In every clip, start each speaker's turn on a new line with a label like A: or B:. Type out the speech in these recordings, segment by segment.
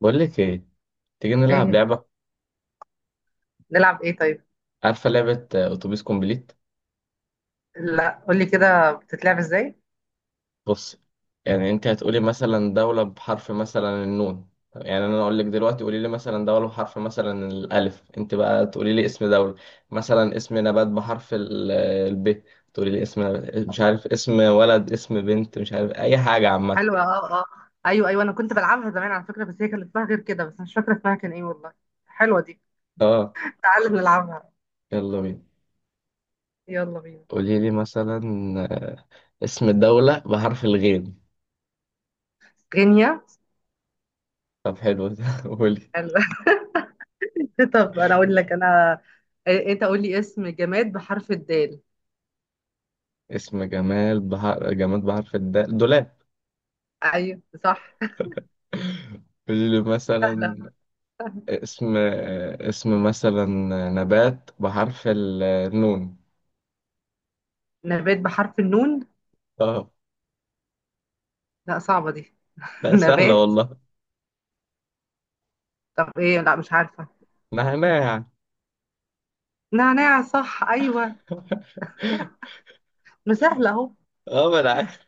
A: بقول لك ايه؟ تيجي نلعب
B: ايه،
A: لعبة.
B: نلعب ايه طيب؟
A: عارفة لعبة اتوبيس كومبليت؟
B: لا، قول لي كده بتتلعب ازاي؟
A: بص، يعني انت هتقولي مثلا دولة بحرف مثلا النون. يعني انا اقول لك دلوقتي، قولي لي مثلا دولة بحرف مثلا الالف، انت بقى تقولي لي اسم دولة، مثلا اسم نبات بحرف الب، تقولي لي اسم، مش عارف، اسم ولد اسم بنت، مش عارف اي حاجة عامة.
B: حلوه. اه، اه. ايوه، ايوه، انا كنت بلعبها زمان على فكره، بس هي كان اسمها غير كده، بس مش فاكره اسمها كان ايه والله. حلوه دي.
A: اه،
B: تعالى نلعبها.
A: يلا بينا.
B: يلا بينا.
A: قولي لي مثلا آه، اسم دولة بحرف الغين.
B: غينيا.
A: طب حلو ده، قولي.
B: حلوه. طب انا اقول لك انا. انت قول لي اسم جماد بحرف الدال.
A: اسم جمال بحر جماد بحرف الدال، دولاب.
B: ايوه، صح.
A: قولي لي مثلا اسم اسم مثلا نبات بحرف النون.
B: نبات بحرف النون.
A: اه.
B: لا، صعبه دي.
A: لا، سهلة
B: نبات.
A: والله.
B: طب ايه، لا مش عارفه.
A: نعناع يعني.
B: نعناع، صح، ايوه. مسهله اهو.
A: اه، ما انا عارف.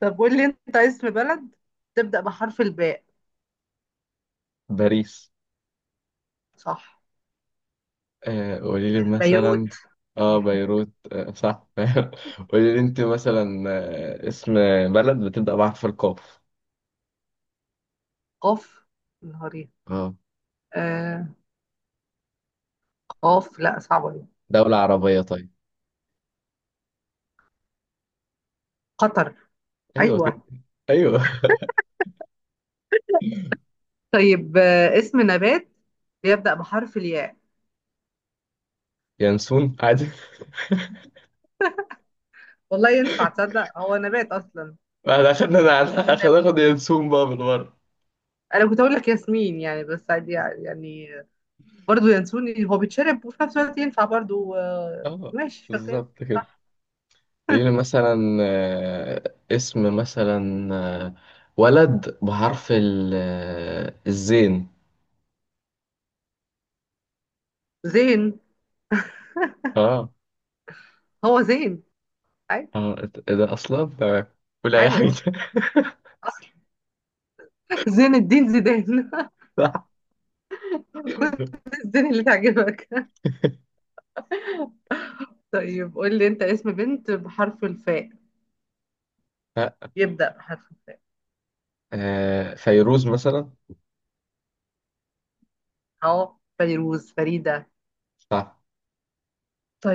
B: طب قول لي انت اسم بلد تبدا بحرف الباء.
A: باريس.
B: صح.
A: آه، قولي لي
B: بيروت.
A: مثلا. اه، بيروت، آه صح. قولي لي انت مثلا اسم بلد بتبدأ بحرف القاف.
B: قاف، نهارين.
A: اه،
B: آه. قاف، لا صعبة دي.
A: دولة عربية طيب.
B: قطر.
A: ايوه كده.
B: أيوة.
A: ايوه.
B: طيب اسم نبات بيبدأ بحرف الياء.
A: ينسون عادي.
B: والله ينفع، تصدق هو نبات أصلا؟
A: بعد اخدنا انا على، اخد
B: والنبات.
A: اخد ينسون بقى بالمره.
B: أنا كنت أقول لك ياسمين يعني، بس عادي يعني يعني. برضو ينسوني، هو بيتشرب وفي نفس الوقت ينفع برضو، آه
A: اه،
B: ماشي شغال.
A: بالظبط كده.
B: صح.
A: لينا مثلا اسم مثلا آه، ولد بحرف الزين.
B: زين.
A: اه
B: هو زين. أي.
A: اه، إيه ده اصلا؟ تمام، قول اي
B: حلو.
A: حاجه.
B: زين الدين زيدان.
A: صح.
B: خد. الزين اللي تعجبك. طيب قول لي أنت اسم بنت بحرف الفاء.
A: لا،
B: يبدأ بحرف.
A: فيروز مثلا.
B: اهو فيروز، فريدة.
A: صح.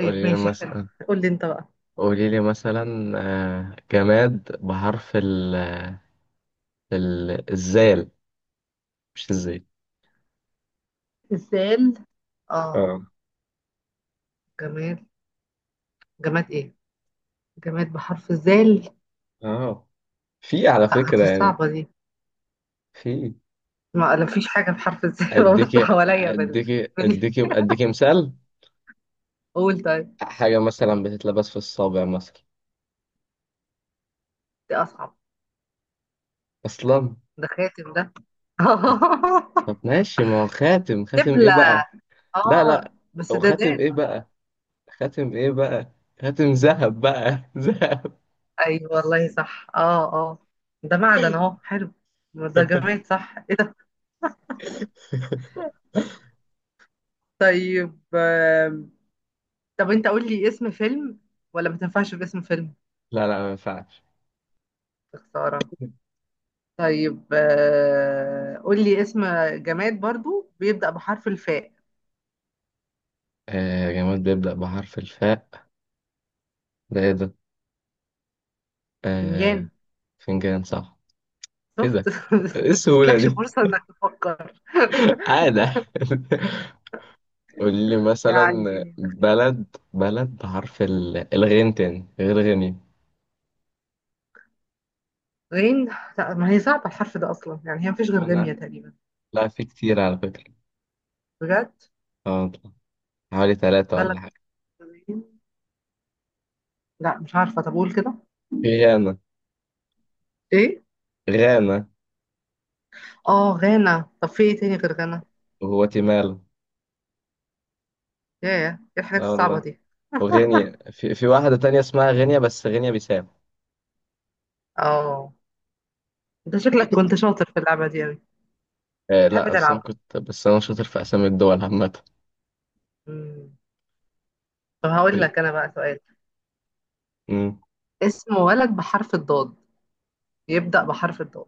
A: قولي لي
B: ماشي، حلو.
A: مثلا.
B: قول لي انت بقى.
A: قولي لي مثلا جماد بحرف الزال، مش الزين.
B: الزال، اه.
A: اه.
B: جماد. جماد ايه؟ جماد بحرف الزال.
A: اه. في على
B: آه،
A: فكرة
B: دي
A: يعني،
B: صعبة دي.
A: في،
B: ما لا، فيش حاجة بحرف الزال. ببص
A: اديكي
B: حواليا
A: اديكي
B: بال...
A: اديكي اديكي مثال،
B: قول طيب.
A: حاجة مثلا بتتلبس في الصابع مثلا،
B: دي أصعب.
A: اصلا.
B: ده خاتم ده.
A: طب طب ماشي، ما هو خاتم، خاتم ايه
B: دبلة.
A: بقى؟ لا
B: اه
A: لا،
B: بس
A: هو
B: ده
A: خاتم
B: دال.
A: ايه بقى؟ خاتم ايه بقى؟ خاتم ذهب بقى، ذهب.
B: أيوة والله صح، اه، اه. ده معدن اهو، حلو. ما ده جماد، صح، ايه ده؟ طيب طب انت قول لي اسم فيلم. ولا ما تنفعش باسم فيلم؟
A: لا لا، ما ينفعش.
B: يا خسارة. طيب قول لي اسم جماد برضو بيبدأ بحرف الفاء.
A: جماد بيبدأ بحرف الفاء، ده ايه ده؟ آه،
B: فنجان.
A: فنجان، صح. ايه
B: شفت.
A: ده؟ ايه
B: ما
A: السهولة
B: تسلكش
A: دي؟
B: فرصة انك تفكر.
A: عادة. قول لي مثلا
B: يعني.
A: بلد بحرف الغين تاني غير غني.
B: غين. لا ما هي صعبة الحرف ده اصلا يعني هي مفيش غير
A: أنا،
B: غينيا تقريبا.
A: لا في كتير على فكرة.
B: بجد؟
A: اه والله. حوالي 3
B: بلد
A: ولا حاجة.
B: غين. لا مش عارفة، طب قول كده.
A: في غانا.
B: ايه؟
A: غانا
B: اه، غانا. طب في ايه تاني غير غانا؟
A: وغواتيمالا.
B: ياه. ايه الحاجات
A: اه
B: الصعبة
A: والله،
B: دي؟
A: وغينيا، في واحدة تانية اسمها غينيا، بس غينيا بيساو.
B: اه. انت شكلك كنت شاطر في اللعبة دي اوي.
A: آه
B: تحب
A: لا، بس أنا
B: تلعب؟
A: كنت، بس أنا شاطر في أسامي الدول عامة.
B: مم. طب هقول لك انا بقى سؤال.
A: أمم.
B: اسم ولد بحرف الضاد. يبدأ بحرف الضاد.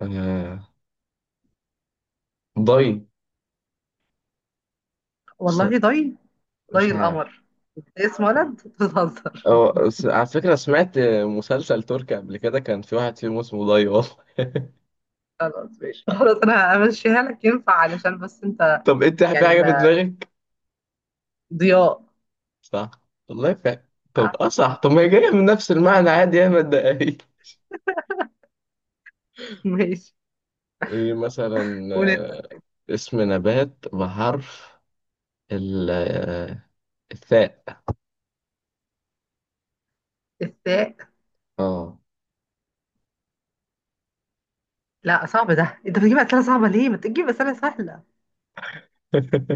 A: آه، ضي. س-
B: والله ضي؟
A: مش
B: ضي
A: عارف.
B: القمر. ده اسم ولد؟ بتهزر.
A: على فكرة سمعت مسلسل تركي قبل كده، كان في واحد فيهم اسمه ضي، والله.
B: خلاص ماشي خلاص، انا همشيها لك، ينفع علشان بس انت.
A: طب انت في
B: يعني
A: حاجة في
B: ما.
A: دماغك؟
B: ضياء.
A: صح. والله في حاجة. طب
B: آه،
A: اه صح، طب ما هي جاية من نفس المعنى عادي، يا ما تضايقنيش.
B: ماشي.
A: ايه مثلا؟
B: قول انت.
A: آه، اسم نبات بحرف ال آه، الثاء.
B: الثاء.
A: اه.
B: لا صعب ده، انت بتجيب اسئله صعبه ليه؟ ما تجيب اسئله سهله.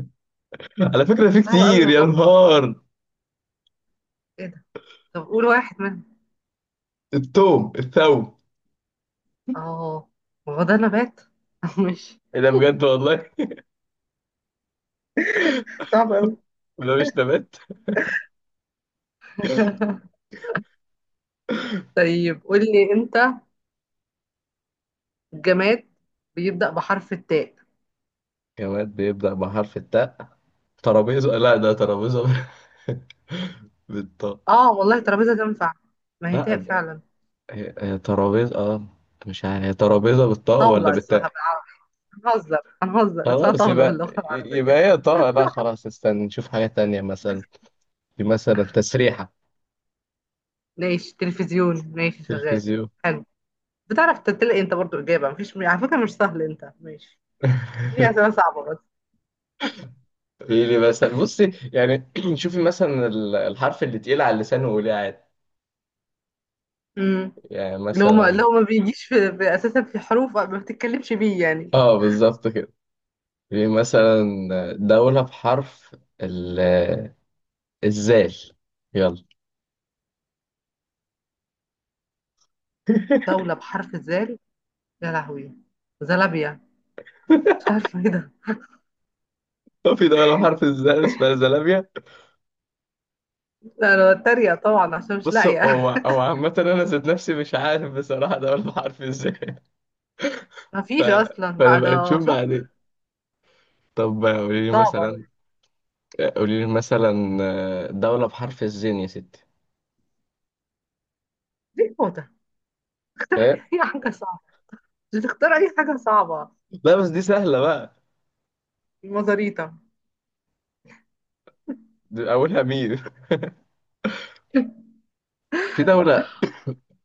A: على فكرة في
B: صعبه قوي
A: كتير، يا
B: والله.
A: نهار.
B: ايه ده؟ طب قول واحد منهم.
A: الثوم.
B: اه. ما هو ده نبات؟ ماشي.
A: ايه ده بجد والله!
B: صعب قوي.
A: ده مش نبات؟
B: طيب قول لي انت. جماد. بيبدأ بحرف التاء.
A: جماد بيبدأ بحرف التاء، ترابيزة، لا ده ترابيزة بالطاء.
B: اه والله ترابيزة تنفع. ما هي
A: لا،
B: تاء فعلا.
A: هي هي ترابيزة، اه. مش عارف هي ترابيزة بالطاء ولا
B: طاولة اسمها
A: بالتاء.
B: بقى. هنهزر. هنهزر اسمها
A: خلاص
B: طاولة
A: يبقى
B: باللغة العربية.
A: يبقى هي طه، لا خلاص، استنى نشوف حاجة تانية مثلا، في مثلا تسريحة،
B: ماشي تلفزيون، ماشي شغال.
A: تلفزيون.
B: حلو. بتعرف تلاقي انت برضو إجابة، مفيش على فكرة، مش سهل انت ماشي. اديني أسئلة صعبة بس.
A: في لي مثلا بصي يعني شوفي مثلا الحرف اللي تقيل على اللسان وقوليه عادي.
B: امم
A: يعني
B: اللي هو ما اللي
A: مثلا
B: هو ما بيجيش في أساسا في حروف ما بتتكلمش بيه يعني.
A: اه بالظبط كده. في مثلا دولة بحرف ال الزال، يلا.
B: دولة بحرف الزال. يا لهوي. زلابيا. مش عارفة ايه ده.
A: هو في دولة بحرف الزال اسمها زلابيا؟
B: لا انا بتريق طبعا عشان مش
A: بص، هو
B: لاقية.
A: هو عامة، أنا ذات نفسي مش عارف بصراحة دولة بحرف الزال. ف...
B: مفيش اصلا، لا
A: فنبقى
B: ده
A: نشوف
B: شفت.
A: بعدين. طب قولي لي
B: صعبة.
A: مثلا، قولي لي مثلا دولة بحرف الزين يا ستي.
B: دي النقطة. اختار.
A: إيه؟
B: أي حاجة صعبة. مش تختار أي حاجة صعبة.
A: لا بس دي سهلة بقى.
B: المزاريطة.
A: دي أولها مين؟ في دولة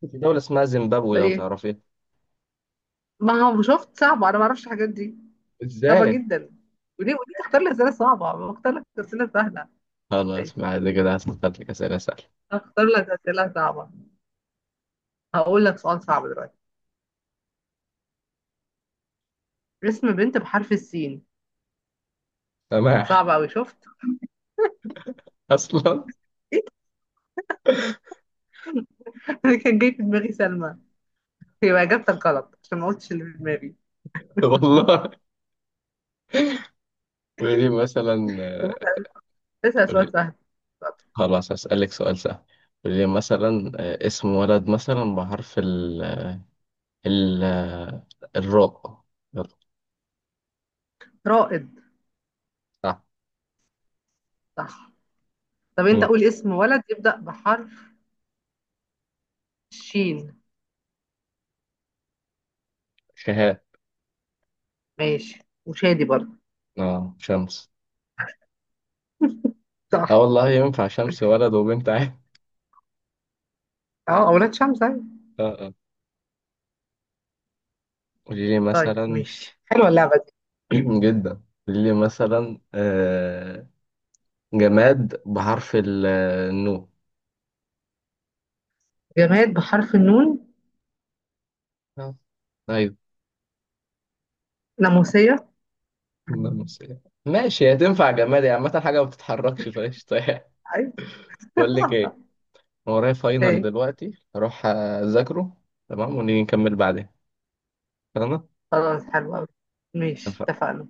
A: في دولة اسمها زيمبابوي لو
B: ايه.
A: تعرفيها.
B: ما هو شفت، صعبة، أنا ما أعرفش الحاجات دي. صعبة
A: إزاي؟
B: جدا. وليه تختار لي أسئلة صعبة، ما أختار لك أسئلة سهلة.
A: خلاص
B: ماشي.
A: ما عاد كده هسألك لك أسئلة سهلة.
B: أختار لك أسئلة صعبة. هقول لك سؤال صعب دلوقتي. اسم بنت بحرف السين.
A: سماح.
B: صعب أوي شفت.
A: أصلا.
B: إيه. اللي كان جاي في دماغي سلمى. يبقى إجابتك غلط عشان ما قلتش اللي في دماغي.
A: والله. قولي لي مثلا
B: طب أنت اسأل
A: قولي
B: سؤال
A: لي-
B: سهل.
A: خلاص، هسألك سؤال سهل. قولي لي مثلا اسم ولد مثلا بحرف ال ال آه، الراء، يلا.
B: رائد.
A: صح.
B: صح. طب أنت
A: مم.
B: قول اسم ولد يبدأ بحرف. شين.
A: شهاب.
B: ماشي، وشادي برضه.
A: اه، شمس. اه
B: صح.
A: والله ينفع شمس، ولد وبنت عادي.
B: اه، اولاد شمس، ايوه.
A: اه اه. قولي لي
B: طيب
A: مثلا
B: ماشي، حلوه اللعبه دي.
A: جدا، قولي لي مثلا جماد بحرف النون.
B: جماد بحرف النون.
A: آه، ايوه،
B: ناموسيه.
A: ناموس إيه. ماشي، هتنفع جماد يعني عامة، حاجة ما بتتحركش فقشطة يعني.
B: ايوه.
A: بقول لك ايه، أنا ورايا فاينل
B: ايه.
A: دلوقتي اروح اذاكره. تمام، ونيجي نكمل بعدين. تمام.
B: خلاص، حلوه قوي. ماشي، اتفقنا.